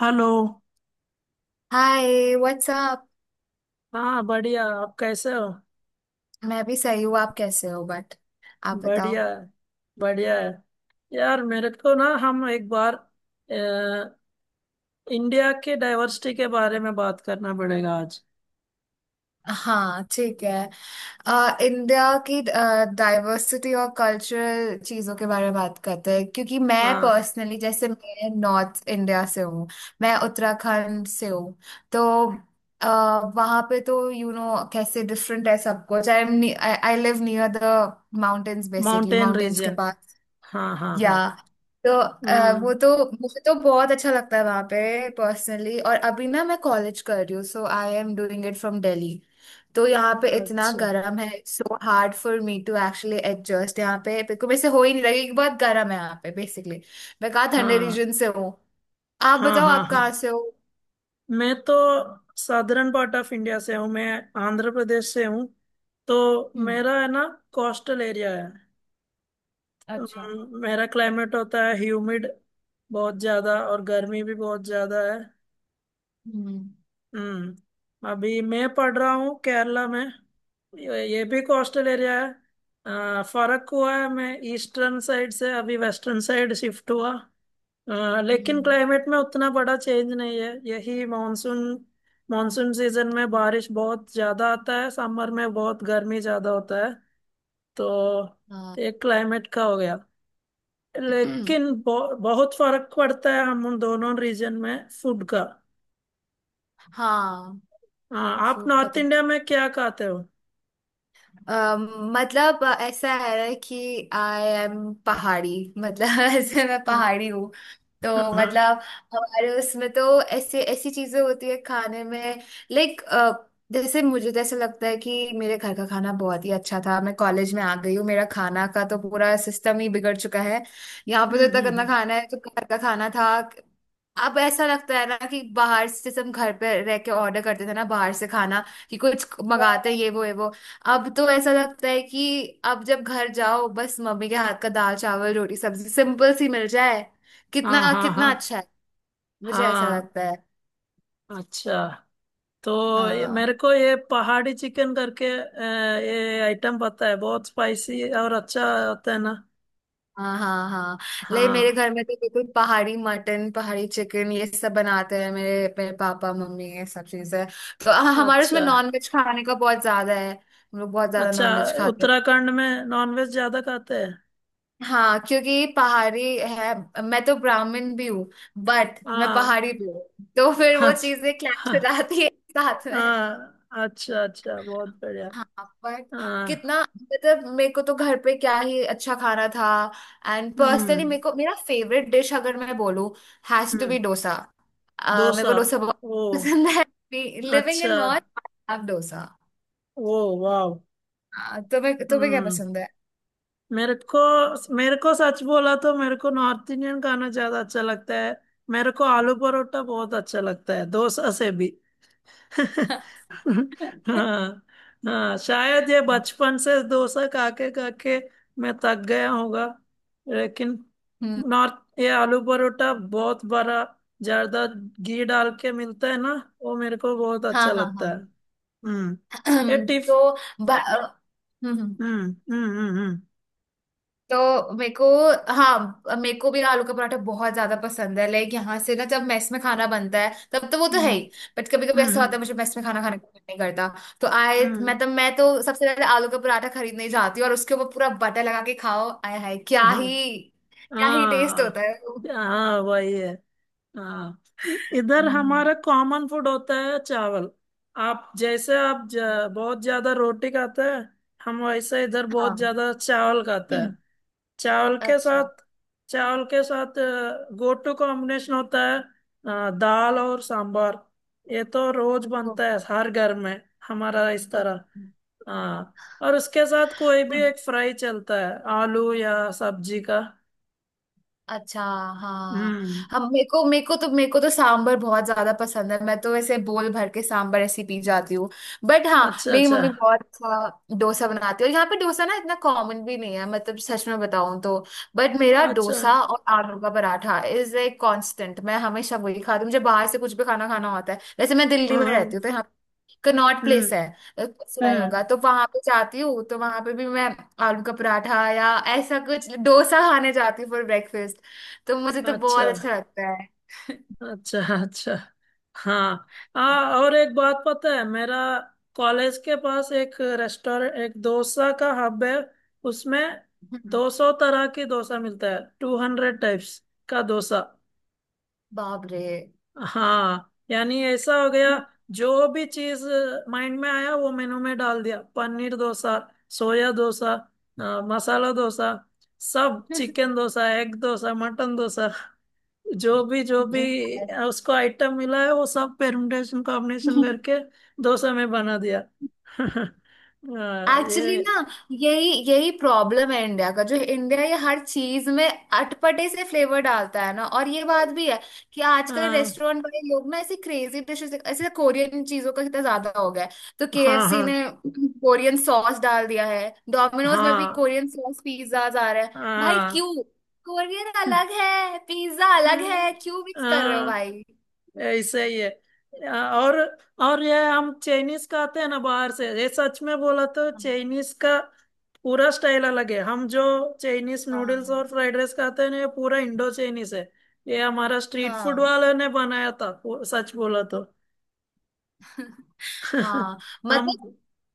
Hello. Hi what's up. हाँ, बढ़िया। आप कैसे हो? मैं भी सही हूँ। आप कैसे हो? बट आप बताओ। बढ़िया है। बढ़िया है। यार मेरे को ना हम एक बार अ, इंडिया के डाइवर्सिटी के बारे में बात करना पड़ेगा आज। हाँ ठीक है। इंडिया की डाइवर्सिटी और कल्चरल चीज़ों के बारे में बात करते हैं, क्योंकि मैं हाँ। पर्सनली जैसे मैं नॉर्थ इंडिया से हूँ। मैं उत्तराखंड से हूँ। तो वहाँ पे तो यू you नो know, कैसे डिफरेंट है सब कुछ। I am, I live near the mountains, basically mountain mountains के रीजन। पास। हाँ हाँ या हाँ। तो वो हम्म। तो मुझे तो बहुत अच्छा लगता है वहां पे पर्सनली। और अभी ना मैं कॉलेज कर रही हूँ, so I am doing it from Delhi. तो यहाँ पे इतना अच्छा। गर्म है, so hard for me to actually adjust. यहाँ पे बिल्कुल मेरे से हो ही नहीं रही कि बहुत गर्म है यहाँ पे बेसिकली। मैं कहाँ ठंडे हाँ रीजन से हूँ। आप हाँ बताओ, हाँ आप हाँ। कहाँ से हो? मैं तो साधारण पार्ट ऑफ इंडिया से हूँ। मैं आंध्र प्रदेश से हूँ। तो हम्म। मेरा है ना, कोस्टल एरिया है। अच्छा। मेरा क्लाइमेट होता है ह्यूमिड, बहुत ज्यादा, और गर्मी भी बहुत ज्यादा है। हम्म हम्म। अभी मैं पढ़ रहा हूँ केरला में। ये भी कोस्टल एरिया है। फर्क हुआ है, मैं ईस्टर्न साइड से अभी वेस्टर्न साइड शिफ्ट हुआ। लेकिन हम्म, क्लाइमेट में उतना बड़ा चेंज नहीं है। यही मानसून। मानसून सीजन में बारिश बहुत ज्यादा आता है, समर में बहुत गर्मी ज्यादा होता है। तो हाँ। एक क्लाइमेट का हो गया। लेकिन बहुत फर्क पड़ता है, हम उन दोनों रीजन में फूड का। हाँ, हाँ, आप फूड का नॉर्थ तो इंडिया में क्या खाते हो? अम, मतलब ऐसा है कि आई एम पहाड़ी। मतलब ऐसे मैं हाँ पहाड़ी हूँ, तो हाँ। मतलब हमारे उसमें तो ऐसे ऐसी चीजें होती है खाने में। लाइक जैसे मुझे तो ऐसा लगता है कि मेरे घर का खाना बहुत ही अच्छा था। मैं कॉलेज में आ गई हूँ, मेरा खाना का तो पूरा सिस्टम ही बिगड़ चुका है। यहाँ पे तो इतना गंदा हम्म। खाना है, जो घर का खाना था अब ऐसा लगता है ना कि बाहर से जैसे हम घर पे रह के ऑर्डर करते थे ना बाहर से खाना, कि कुछ मंगाते हैं, ये वो ये वो। अब तो ऐसा लगता है कि अब जब घर जाओ, बस मम्मी के हाथ का दाल चावल रोटी सब्जी सिंपल सी मिल जाए, हाँ कितना हाँ कितना हाँ अच्छा है। मुझे ऐसा हाँ। लगता है। अच्छा। तो हाँ मेरे को ये पहाड़ी चिकन करके ये आइटम पता है, बहुत स्पाइसी और अच्छा होता है ना। हाँ हाँ। हाँ ले, हाँ। मेरे घर में तो बिल्कुल पहाड़ी मटन, पहाड़ी चिकन, ये सब बनाते हैं मेरे, पापा मम्मी ये सब चीजें। तो हाँ, हमारे उसमें अच्छा नॉन वेज खाने का बहुत ज्यादा है, हम लोग बहुत ज्यादा अच्छा। नॉन वेज खाते हैं। उत्तराखंड में नॉनवेज ज्यादा खाते हैं? हाँ, क्योंकि पहाड़ी है। मैं तो ब्राह्मण भी हूँ, बट मैं हाँ। पहाड़ी भी हूँ। तो फिर वो अच्छा। चीजें क्लैश हाँ हो जाती है साथ में। हाँ, अच्छा अच्छा, बहुत बढ़िया। हाँ बट हाँ। कितना, मतलब मेरे को तो घर पे क्या ही अच्छा खाना था। एंड पर्सनली हम्म मेरे को मेरा फेवरेट डिश अगर मैं बोलूँ, has to hmm. Be dosa. मेरे को डोसा? डोसा बहुत ओ, पसंद है। लिविंग इन अच्छा। North, I love dosa. Oh, wow. हाँ, तुम्हें तुम्हें क्या हम्म। पसंद है? मेरे को मेरे को सच बोला तो मेरे को नॉर्थ इंडियन खाना ज्यादा अच्छा लगता है। मेरे को आलू परोठा बहुत अच्छा लगता है, डोसा से भी। हाँ। हाँ, शायद ये बचपन से डोसा खा के मैं थक गया होगा। लेकिन हम्म। नॉर्थ, ये आलू परोठा बहुत बड़ा, ज्यादा घी डाल के मिलता है ना, वो मेरे को बहुत अच्छा हाँ हाँ हाँ। लगता है। हम्म। ये टिफ तो ब- अ, हम्म, हम्म। हम्म हम्म हम्म तो मेरे को, हाँ मेरे को भी आलू का पराठा बहुत ज्यादा पसंद है। लाइक यहाँ से ना जब मेस में खाना बनता है, तब तो वो तो हम्म है ही, बट कभी कभी ऐसा होता है हम्म मुझे मेस में खाना खाने का मन नहीं करता। तो आए, हम्म मैं तो सबसे पहले आलू का पराठा खरीदने ही जाती हूँ और उसके ऊपर पूरा बटर लगा के खाओ, आय हाय, क्या हम्म। हाँ ही, क्या ही टेस्ट हाँ होता है वो। हाँ, वही है। हाँ। इधर हम्म, हमारा कॉमन फूड होता है चावल। आप जैसे बहुत ज्यादा रोटी खाते हैं। हम वैसे इधर बहुत हाँ। ज्यादा चावल खाते हैं। चावल के अच्छा। साथ चावल के साथ गो टू कॉम्बिनेशन होता है, दाल और सांभर। ये तो रोज ओ, बनता है हर घर में, हमारा इस तरह। अच्छा। हाँ, और उसके साथ कोई भी एक फ्राई चलता है, आलू या सब्जी का। अच्छा। हाँ। हम्म। हम मेरे को तो सांभर बहुत ज्यादा पसंद है, मैं तो ऐसे बोल भर के सांभर ऐसी पी जाती हूँ। बट हाँ, अच्छा मेरी अच्छा मम्मी बहुत अच्छा डोसा बनाती है, और यहाँ पे डोसा ना इतना कॉमन भी नहीं है, मतलब सच में बताऊँ तो। बट मेरा अच्छा। डोसा और आलू का पराठा इज ए कांस्टेंट, मैं हमेशा वही खाती हूँ। मुझे बाहर से कुछ भी खाना खाना होता है, वैसे मैं दिल्ली में हम्म रहती हूँ, तो यहाँ कनॉट हम्म प्लेस है, सुना ही हम्म। होगा, तो वहां पे जाती हूँ। तो वहां पे भी मैं आलू का पराठा या ऐसा कुछ डोसा खाने जाती हूँ फॉर। तो मुझे तो अच्छा बहुत अच्छा लगता है। अच्छा अच्छा। हाँ हाँ। और एक बात पता है? मेरा कॉलेज के पास एक रेस्टोरेंट, एक डोसा का हब है। उसमें दो सौ तरह की डोसा मिलता है, 200 टाइप्स का डोसा। बाप रे। हाँ, यानी ऐसा हो गया, जो भी चीज माइंड में आया वो मेनू में डाल दिया। पनीर डोसा, सोया डोसा, मसाला डोसा, सब, chicken dosa, egg dosa, mutton dosa, जो भी उसको आइटम मिला है वो सब परम्यूटेशन कॉम्बिनेशन करके डोसा में बना दिया। एक्चुअली ये ना, यही यही प्रॉब्लम है इंडिया का, जो इंडिया ये हर चीज में अटपटे से फ्लेवर डालता है ना। और ये बात भी है कि अ, आजकल रेस्टोरेंट वाले लोग ना ऐसी क्रेजी डिशेस, ऐसे कोरियन चीजों का कितना ज्यादा हो गया है। तो हाँ केएफसी हाँ ने कोरियन सॉस डाल दिया है, डोमिनोज में भी हाँ कोरियन सॉस पिज्जा आ रहे हैं, भाई हाँ। क्यों? कोरियन अलग है, पिज्जा अलग है, क्यों मिक्स कर रहे हो हाँ, भाई? ऐसा ही है। और और ये हम चाइनीज का आते हैं ना, बाहर से, ये सच में बोला तो, हाँ चाइनीज का पूरा स्टाइल अलग है। हम जो चाइनीज नूडल्स हाँ और फ्राइड राइस खाते हैं ना, ये पूरा इंडो चाइनीज है। ये हमारा स्ट्रीट फूड हाँ। वाले ने बनाया था, सच बोला तो। हाँ हम मतलब,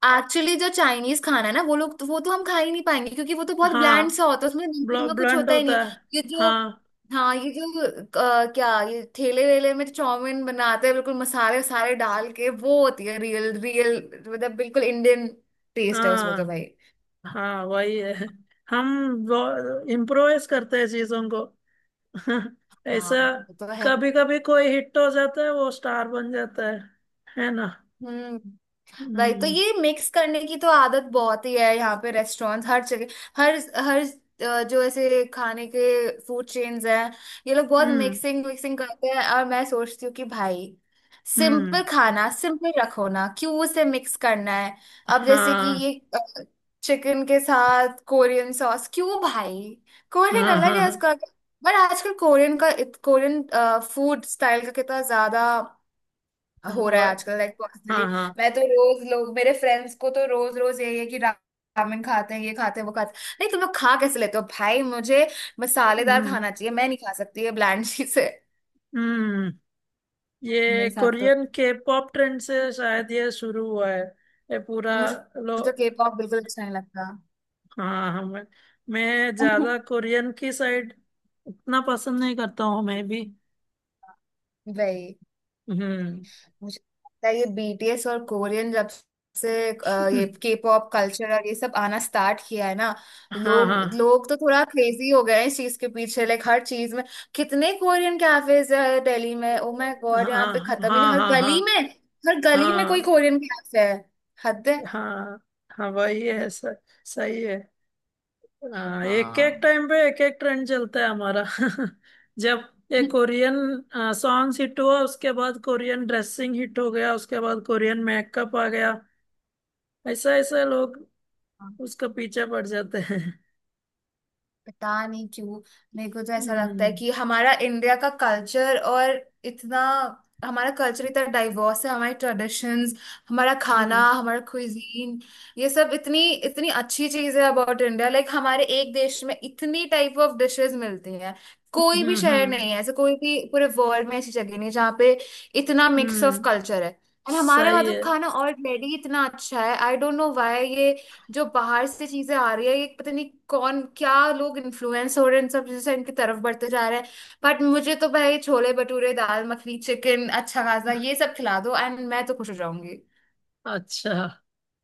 एक्चुअली जो चाइनीज खाना है ना वो लोग तो, वो तो हम खा ही नहीं पाएंगे, क्योंकि वो तो बहुत ब्लैंड हाँ। सा होता है, उसमें नमक वमक कुछ ब्लंट होता ही नहीं है। होता है। ये जो हाँ हाँ ये जो क्या ये ठेले वेले में चाउमीन बनाते हैं बिल्कुल मसाले सारे डाल के, वो होती है रियल, रियल मतलब बिल्कुल इंडियन टेस्ट है उसमें, तो हाँ भाई। हाँ, वही है। हम इम्प्रोवाइज करते हैं चीजों को। हाँ ऐसा। वो तो है। कभी कभी कोई हिट हो जाता है, वो स्टार बन जाता है ना? हम्म, भाई तो हम्म ये मिक्स करने की तो आदत बहुत ही है, यहाँ पे रेस्टोरेंट हर जगह, हर हर अ, जो ऐसे खाने के फूड चेन्स हैं, ये लोग बहुत हम्म मिक्सिंग मिक्सिंग करते हैं। और मैं सोचती हूँ कि भाई, हम्म। सिंपल खाना सिंपल रखो ना, क्यों उसे मिक्स करना है? अब जैसे कि हाँ ये चिकन के साथ कोरियन सॉस, क्यों भाई? कोरियन हाँ अलग है हाँ। उसका। पर आजकल कोरियन फूड स्टाइल का कितना ज्यादा हाँ, हो रहा वो। है आजकल, लाइक हाँ पर्सनली हाँ। मैं तो रोज, लोग मेरे फ्रेंड्स को तो रोज रोज यही है कि रामेन खाते हैं, ये खाते हैं, वो खाते हैं। नहीं, तुम लोग खा कैसे लेते हो भाई, मुझे मसालेदार हम्म खाना चाहिए, मैं नहीं खा सकती, ये ब्लैंड चीज है। हम्म। ये मेरे साथ तो, कोरियन के पॉप ट्रेंड से शायद ये शुरू हुआ है। ये पूरा। मुझे लो। तो के पॉप बिल्कुल अच्छा नहीं लगता। हाँ हाँ। मैं ज्यादा कोरियन की साइड उतना पसंद नहीं करता हूँ, मैं भी। भाई हम्म। मुझे लगता है ये बीटीएस और कोरियन जब से, ये के पॉप कल्चर और ये सब आना स्टार्ट किया है ना, हाँ लोग हाँ लोग तो थोड़ा क्रेजी हो गए हैं इस चीज के पीछे। लाइक हर चीज में कितने कोरियन कैफेज है दिल्ली में, ओ माय गॉड, यहाँ पे हाँ खत्म ही नहीं, हाँ हर हाँ हाँ गली में, हर गली में कोई हाँ कोरियन कैफे है, हद है। हाँ हाँ, वही है सर। सही है। हाँ, एक एक हाँ टाइम पे एक एक ट्रेंड चलता है हमारा। जब एक कोरियन सॉन्ग्स हिट हुआ, उसके बाद कोरियन ड्रेसिंग हिट हो गया, उसके बाद कोरियन मेकअप आ गया। ऐसा ऐसा लोग उसका पीछे पड़ जाते हैं। पता नहीं क्यों। मेरे को तो ऐसा लगता है हम्म कि हमारा इंडिया का कल्चर और इतना हमारा कल्चर इतना डाइवर्स है, हमारी ट्रेडिशंस, हमारा खाना, हम्म हमारा क्विजीन, ये सब इतनी इतनी अच्छी चीज है अबाउट इंडिया। लाइक हमारे एक देश में इतनी टाइप ऑफ डिशेस मिलती हैं, कोई भी हम्म शहर हम्म नहीं है ऐसे, कोई भी पूरे वर्ल्ड में ऐसी जगह नहीं है जहाँ पे इतना मिक्स ऑफ हम्म। कल्चर है। और हमारे वहाँ सही तो है। खाना ऑलरेडी इतना अच्छा है, आई डोंट नो व्हाई ये जो बाहर से चीजें आ रही है, ये पता नहीं कौन क्या, लोग इन्फ्लुएंस हो रहे हैं इन सब चीजों से, इनकी तरफ बढ़ते जा रहे हैं। बट मुझे तो भाई छोले भटूरे, दाल मखनी, चिकन अच्छा खासा, ये सब खिला दो एंड मैं तो खुश हो जाऊंगी। अच्छा।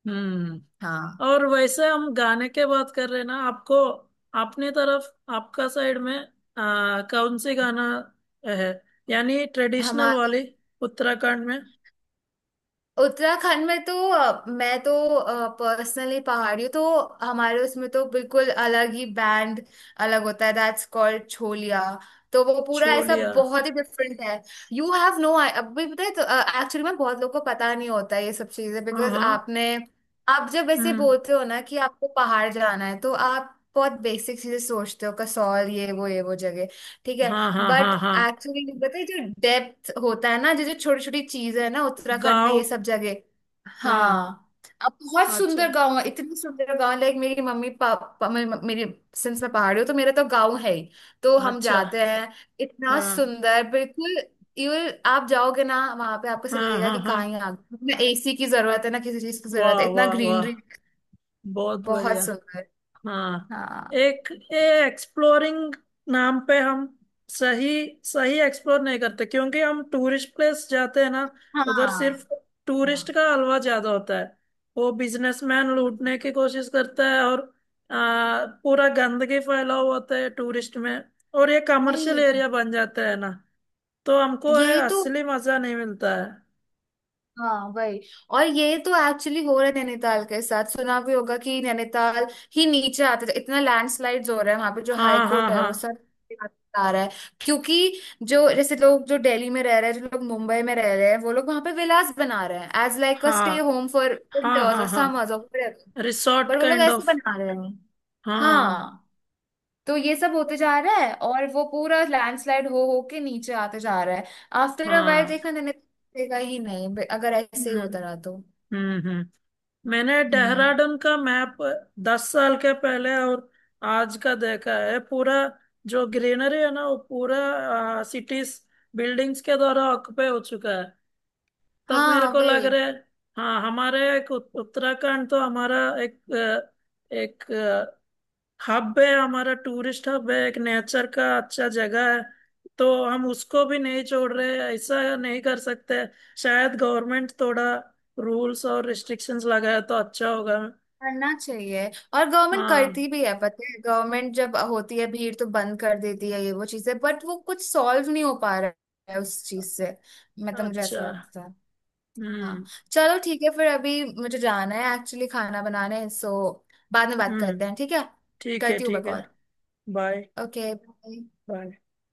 हम्म। हाँ और वैसे हम गाने के बात कर रहे हैं ना, आपको अपनी तरफ, आपका साइड में कौन सी गाना है, यानी ट्रेडिशनल हमारे वाली, उत्तराखंड में? उत्तराखंड में तो मैं तो पर्सनली पहाड़ी हूँ, तो हमारे उसमें तो बिल्कुल अलग ही बैंड, अलग होता है, दैट्स कॉल्ड छोलिया। तो वो पूरा ऐसा छोलिया। बहुत ही डिफरेंट है। यू हैव नो, अभी पता है, तो एक्चुअली में बहुत लोगों को पता नहीं होता है ये सब चीजें, हाँ बिकॉज हाँ। आपने, आप जब ऐसे हम्म। बोलते हो ना कि आपको पहाड़ जाना है, तो आप बहुत बेसिक चीजें सोचते हो, कसौल, ये वो जगह, ठीक है। हाँ हाँ बट हाँ हाँ। एक्चुअली पता है जो डेप्थ होता है ना, जो जो छोटी छोटी चीज है ना उत्तराखंड में, गाँव। ये सब जगह। हाँ। हाँ, अब बहुत अच्छा सुंदर गांव है, इतने सुंदर गांव। लाइक मेरी मम्मी पापा, मेरी, सिंस मैं पहाड़ी हूँ तो मेरा तो गांव है ही, तो हम अच्छा। जाते हैं। इतना हाँ सुंदर, बिल्कुल यू, आप जाओगे ना वहां पे, आपको ऐसा हाँ लगेगा हाँ कि हाँ। कहाँ ही आ गए, ना एसी की जरूरत है, ना किसी चीज की जरूरत वाह है, इतना वाह वाह, ग्रीनरी। बहुत बहुत बढ़िया। सुंदर। हाँ। हाँ एक एक्सप्लोरिंग नाम पे हम सही सही एक्सप्लोर नहीं करते, क्योंकि हम टूरिस्ट प्लेस जाते हैं ना। उधर हाँ सिर्फ हाँ। टूरिस्ट का हलवा ज्यादा होता है, वो बिजनेसमैन लूटने की कोशिश करता है, और पूरा गंदगी फैला हुआ होता है टूरिस्ट में, और ये वही, कमर्शियल एरिया बन जाता है ना। तो हमको ये यही तो, असली मजा नहीं मिलता है। हाँ वही। और ये तो एक्चुअली हो रहा है नैनीताल के साथ, सुना भी होगा कि नैनीताल ही नीचे आते थे, इतना लैंडस्लाइड्स हो रहा है वहां पे, जो हाई हाँ हाँ कोर्ट है वो हाँ सब आ रहा है। क्योंकि जो जैसे लोग जो दिल्ली में रह रहे हैं, जो लोग मुंबई में रह रहे हैं, वो लोग वहां पे विलास बना रहे हैं एज लाइक अ स्टे हाँ होम फॉर हाँ विंटर्स हाँ और हाँ। समर्स और, रिसोर्ट बट वो लोग काइंड ऐसे ऑफ। बना रहे हैं। हाँ हाँ तो ये सब होते जा रहा है और वो पूरा लैंडस्लाइड हो के नीचे आते जा रहा है। आफ्टर अ वाइल हाँ। देखना, नहीं नहीं, दिखेगा ही नहीं अगर ऐसे ही हम्म होता रहा तो। हम्म हम्म। मैंने हम्म। देहरादून का मैप 10 साल के पहले और आज का देखा है पूरा। जो ग्रीनरी है ना, वो पूरा सिटीज, बिल्डिंग्स के द्वारा ऑक्यूपाई हो चुका है, तब मेरे हाँ को लग वही। रहा है। हाँ, हमारे एक उत्तराखंड तो हमारा एक, एक हब है, हमारा टूरिस्ट हब है, एक नेचर का अच्छा जगह है। तो हम उसको भी नहीं छोड़ रहे हैं, ऐसा नहीं कर सकते। शायद गवर्नमेंट थोड़ा रूल्स और रिस्ट्रिक्शंस लगाए तो अच्छा होगा। करना चाहिए। और गवर्नमेंट हाँ। करती भी है, पता है गवर्नमेंट जब होती है भीड़ तो बंद कर देती है ये वो चीजें, बट वो कुछ सॉल्व नहीं हो पा रहा है उस चीज से। मतलब मुझे अच्छा। ऐसा लगता है। हाँ हम्म चलो ठीक है, फिर अभी मुझे जाना है एक्चुअली, खाना बनाने, सो बाद में बात हम्म। करते हैं, ठीक है? ठीक है करती हूँ मैं ठीक है। कॉल। बाय। ओके। बाय।